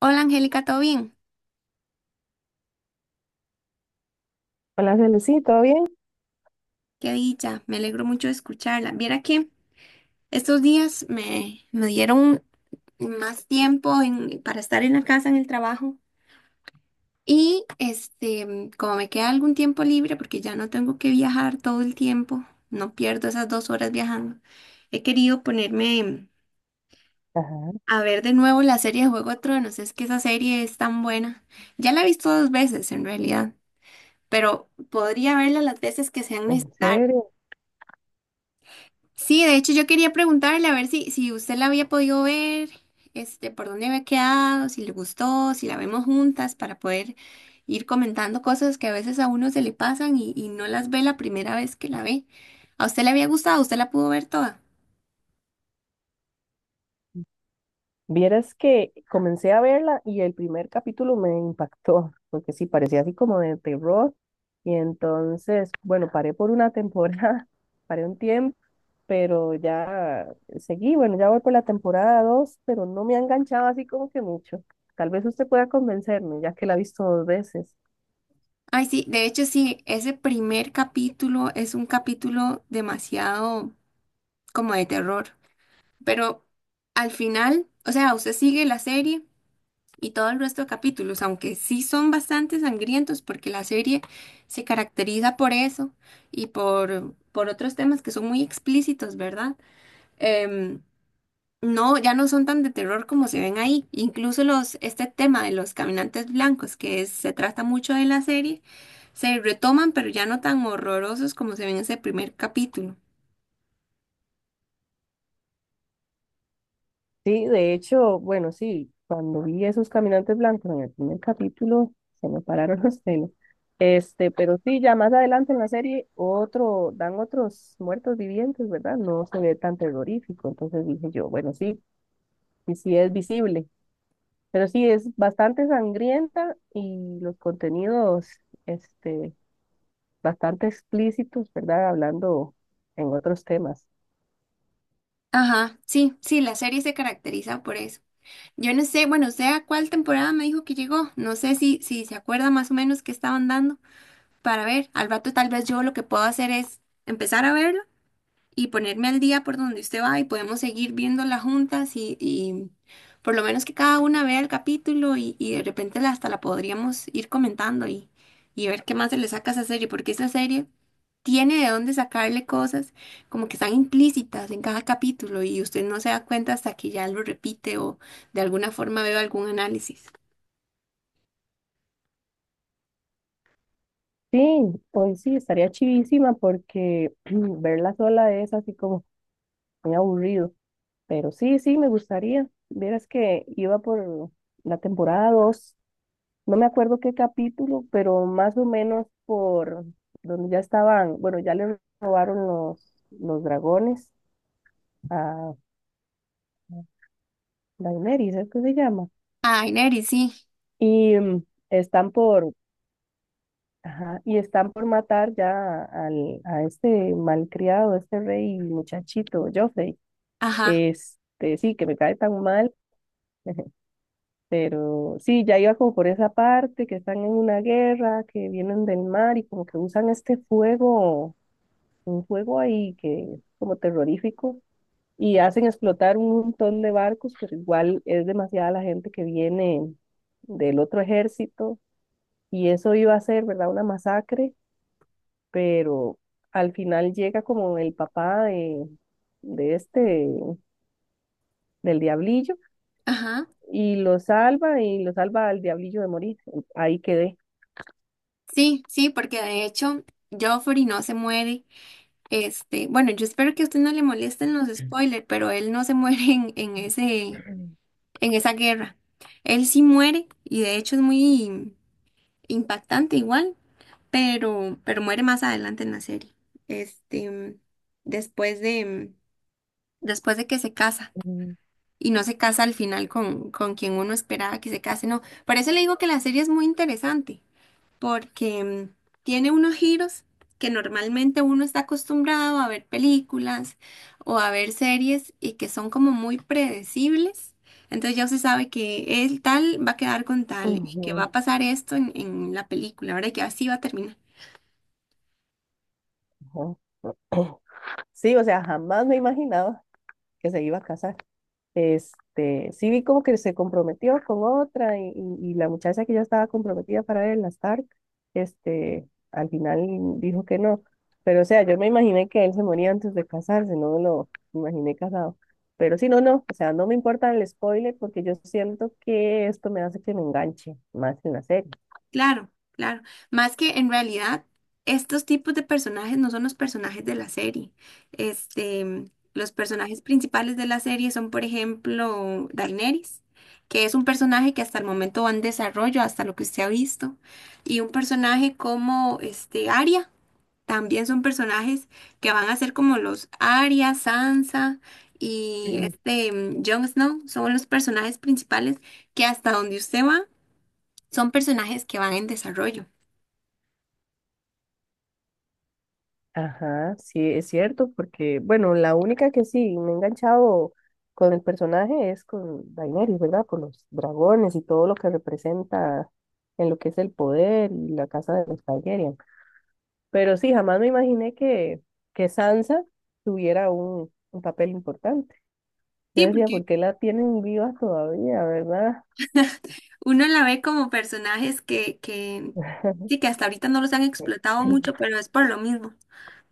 Hola Angélica, ¿todo bien? Hola, Celecy, ¿todo bien? Qué dicha, me alegro mucho de escucharla. Viera que estos días me dieron más tiempo para estar en la casa, en el trabajo. Y como me queda algún tiempo libre, porque ya no tengo que viajar todo el tiempo, no pierdo esas 2 horas viajando, he querido ponerme Ajá. a ver de nuevo la serie de Juego de Tronos. Es que esa serie es tan buena. Ya la he visto dos veces en realidad, pero podría verla las veces que sean En necesarias. serio. Sí, de hecho yo quería preguntarle a ver si usted la había podido ver, por dónde había quedado, si le gustó, si la vemos juntas para poder ir comentando cosas que a veces a uno se le pasan y no las ve la primera vez que la ve. ¿A usted le había gustado? ¿Usted la pudo ver toda? Vieras que comencé a verla y el primer capítulo me impactó, porque sí, parecía así como de terror. Y entonces, bueno, paré por una temporada, paré un tiempo, pero ya seguí, bueno, ya voy por la temporada 2, pero no me ha enganchado así como que mucho. Tal vez usted pueda convencerme, ya que la ha visto dos veces. Ay, sí, de hecho sí, ese primer capítulo es un capítulo demasiado como de terror, pero al final, o sea, usted sigue la serie. Y todo el resto de capítulos, aunque sí son bastante sangrientos porque la serie se caracteriza por eso y por otros temas que son muy explícitos, ¿verdad? Em, no, ya no son tan de terror como se ven ahí. Incluso este tema de los caminantes blancos, se trata mucho de la serie, se retoman, pero ya no tan horrorosos como se ven en ese primer capítulo. Sí, de hecho, bueno, sí, cuando vi esos caminantes blancos en el primer capítulo, se me pararon los pelos. Pero sí, ya más adelante en la serie, otro, dan otros muertos vivientes, ¿verdad? No se ve tan terrorífico. Entonces dije yo, bueno, sí, sí, sí es visible. Pero sí, es bastante sangrienta y los contenidos, este, bastante explícitos, ¿verdad? Hablando en otros temas. Ajá, sí, sí, la serie se caracteriza por eso. Yo no sé, bueno, usted a cuál temporada me dijo que llegó. No sé si se acuerda más o menos qué estaban dando para ver. Al rato tal vez yo lo que puedo hacer es empezar a verlo y ponerme al día por donde usted va y podemos seguir viéndola juntas y por lo menos que cada una vea el capítulo y de repente hasta la podríamos ir comentando y ver qué más se le saca a esa serie, porque esa serie tiene de dónde sacarle cosas como que están implícitas en cada capítulo y usted no se da cuenta hasta que ya lo repite o de alguna forma veo algún análisis. Sí, hoy sí, estaría chivísima porque verla sola es así como muy aburrido. Pero sí, sí, me gustaría. Vieras que iba por la temporada dos, no me acuerdo qué capítulo, pero más o menos por donde ya estaban, bueno, ya le robaron los dragones a Daenerys, ¿es que se llama? Ay, Neri, sí. Y están por, ajá, y están por matar ya a este malcriado, este rey muchachito, Joffrey. Ajá, Sí, que me cae tan mal. Pero sí, ya iba como por esa parte, que están en una guerra, que vienen del mar y como que usan este fuego, un fuego ahí que es como terrorífico, y hacen explotar un montón de barcos, pero igual es demasiada la gente que viene del otro ejército y eso iba a ser, ¿verdad? Una masacre, pero al final llega como el papá de este, del diablillo ajá. y lo salva, y lo salva al diablillo de morir. Ahí quedé. Sí, sí, porque de hecho Joffrey no se muere. Este, bueno, yo espero que a usted no le molesten los spoilers, pero él no se muere en esa guerra. Él sí muere, y de hecho es muy impactante igual, pero muere más adelante en la serie. Este, después de, Después de que se casa. Y no se casa al final con quien uno esperaba que se case, no. Por eso le digo que la serie es muy interesante porque tiene unos giros que normalmente uno está acostumbrado a ver películas o a ver series y que son como muy predecibles. Entonces ya se sabe que el tal va a quedar con tal y que va Ujú, a pasar esto en la película, ¿verdad? Y que así va a terminar. ujú. Sí, o sea, jamás me imaginaba que se iba a casar. Sí vi como que se comprometió con otra y la muchacha que ya estaba comprometida para él, la Stark, al final dijo que no. Pero o sea, yo me imaginé que él se moría antes de casarse, no me lo imaginé casado. Pero sí, no, no, o sea, no me importa el spoiler porque yo siento que esto me hace que me enganche más en la serie. Claro, claro. Más que en realidad, estos tipos de personajes no son los personajes de la serie. Este, los personajes principales de la serie son, por ejemplo, Daenerys, que es un personaje que hasta el momento va en desarrollo, hasta lo que usted ha visto, y un personaje como este Arya, también son personajes que van a ser como los Arya, Sansa y Jon Snow, son los personajes principales que hasta donde usted va son personajes que van en desarrollo. Ajá, sí, es cierto, porque, bueno, la única que sí me he enganchado con el personaje es con Daenerys, ¿verdad? Por los dragones y todo lo que representa en lo que es el poder y la casa de los Targaryen. Pero sí, jamás me imaginé que Sansa tuviera un papel importante. Yo Sí, decía, ¿por porque qué la tienen viva todavía, verdad? uno la ve como personajes que sí, que hasta ahorita no los han explotado mucho, pero es por lo mismo,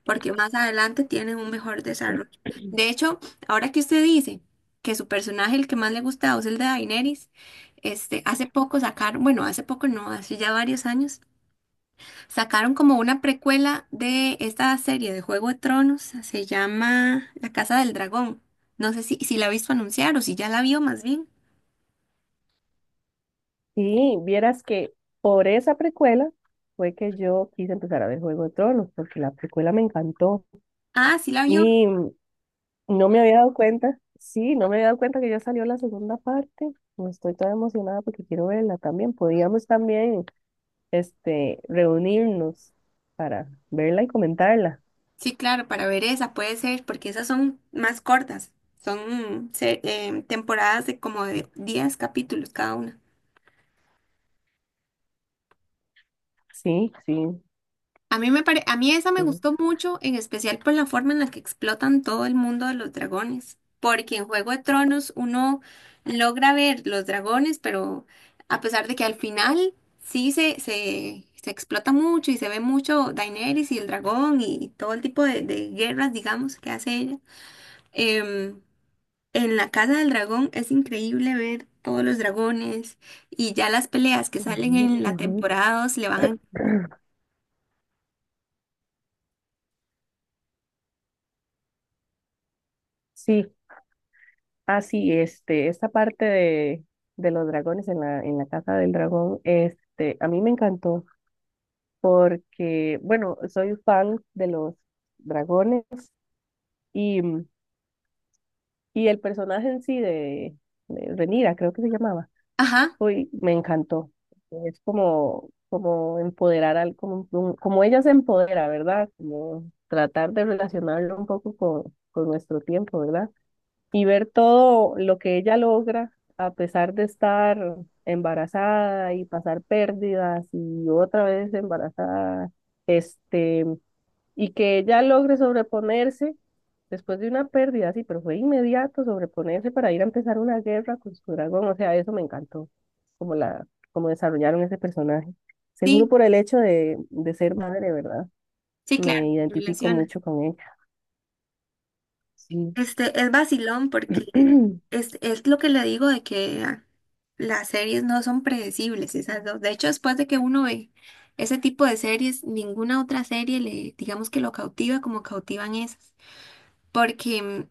porque más adelante tienen un mejor desarrollo. De hecho, ahora que usted dice que su personaje, el que más le gusta es el de Daenerys, hace poco sacaron, bueno, hace poco no, hace ya varios años, sacaron como una precuela de esta serie de Juego de Tronos, se llama La Casa del Dragón. No sé si la ha visto anunciar o si ya la vio más bien. Y vieras que por esa precuela fue que yo quise empezar a ver Juego de Tronos, porque la precuela me encantó. Ah, sí la vio. Y No me había dado cuenta, sí, no me había dado cuenta que ya salió la segunda parte. No, estoy toda emocionada porque quiero verla también. Podríamos también, reunirnos para verla y comentarla. Sí, claro, para ver esa puede ser, porque esas son más cortas, son temporadas de como de 10 capítulos cada una. Sí, sí, A mí esa me sí. gustó mucho, en especial por la forma en la que explotan todo el mundo de los dragones, porque en Juego de Tronos uno logra ver los dragones, pero a pesar de que al final sí se explota mucho y se ve mucho Daenerys y el dragón y todo el tipo de guerras, digamos, que hace ella. em, En la Casa del Dragón es increíble ver todos los dragones y ya las peleas que salen Ujú, en la ujú. temporada 2 le van a... Sí, así, esta parte de los dragones en la Casa del Dragón, a mí me encantó porque, bueno, soy fan de los dragones. y mm, Y el personaje en sí de Renira, creo que se llamaba, Ajá, uy, me encantó. Es como empoderar como ella se empodera, ¿verdad? Como tratar de relacionarlo un poco con nuestro tiempo, ¿verdad? Y ver todo lo que ella logra a pesar de estar embarazada y pasar pérdidas y otra vez embarazada, este, y que ella logre sobreponerse después de una pérdida, así, pero fue inmediato sobreponerse para ir a empezar una guerra con su dragón, o sea, eso me encantó, como la, como desarrollaron ese personaje. Seguro sí, por el hecho de ser madre, ¿verdad? sí, claro, Me identifico relaciona. mucho con ella. Sí. Este es vacilón porque es lo que le digo de que ah, las series no son predecibles, esas dos. De hecho, después de que uno ve ese tipo de series, ninguna otra serie le, digamos que lo cautiva como cautivan esas. Porque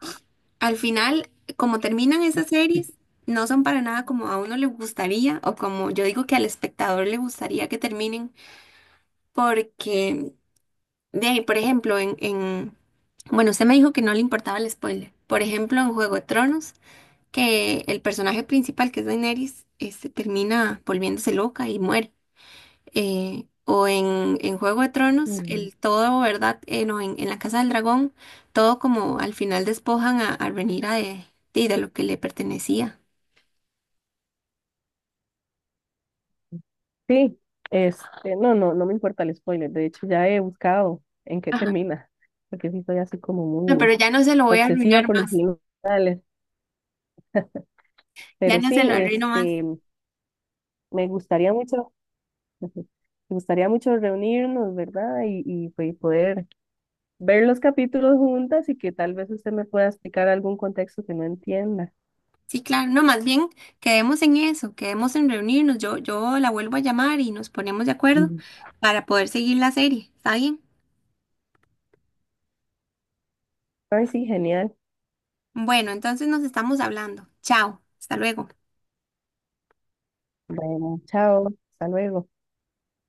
al final, como terminan esas series, no son para nada como a uno le gustaría o como yo digo que al espectador le gustaría que terminen, porque de ahí, por ejemplo, bueno, usted me dijo que no le importaba el spoiler. Por ejemplo, en Juego de Tronos, que el personaje principal, que es Daenerys, termina volviéndose loca y muere o en Juego de Tronos, Mm, el todo, ¿verdad? No, en la Casa del Dragón, todo como al final despojan a Rhaenyra de lo que le pertenecía. sí, no, no, no me importa el spoiler, de hecho ya he buscado en qué Ajá. termina, porque sí soy así como No, pero muy ya no se lo voy a obsesiva arruinar por los más, finales, ya pero no se sí, lo arruino más. Me gustaría mucho, me gustaría mucho reunirnos, ¿verdad? Pues, poder ver los capítulos juntas y que tal vez usted me pueda explicar algún contexto que no entienda. Sí, claro, no, más bien quedemos en eso, quedemos en reunirnos, yo la vuelvo a llamar y nos ponemos de acuerdo Mm. para poder seguir la serie, ¿está bien? Ay, sí, genial. Bueno, entonces nos estamos hablando. Chao, hasta luego. Bueno, chao, hasta luego.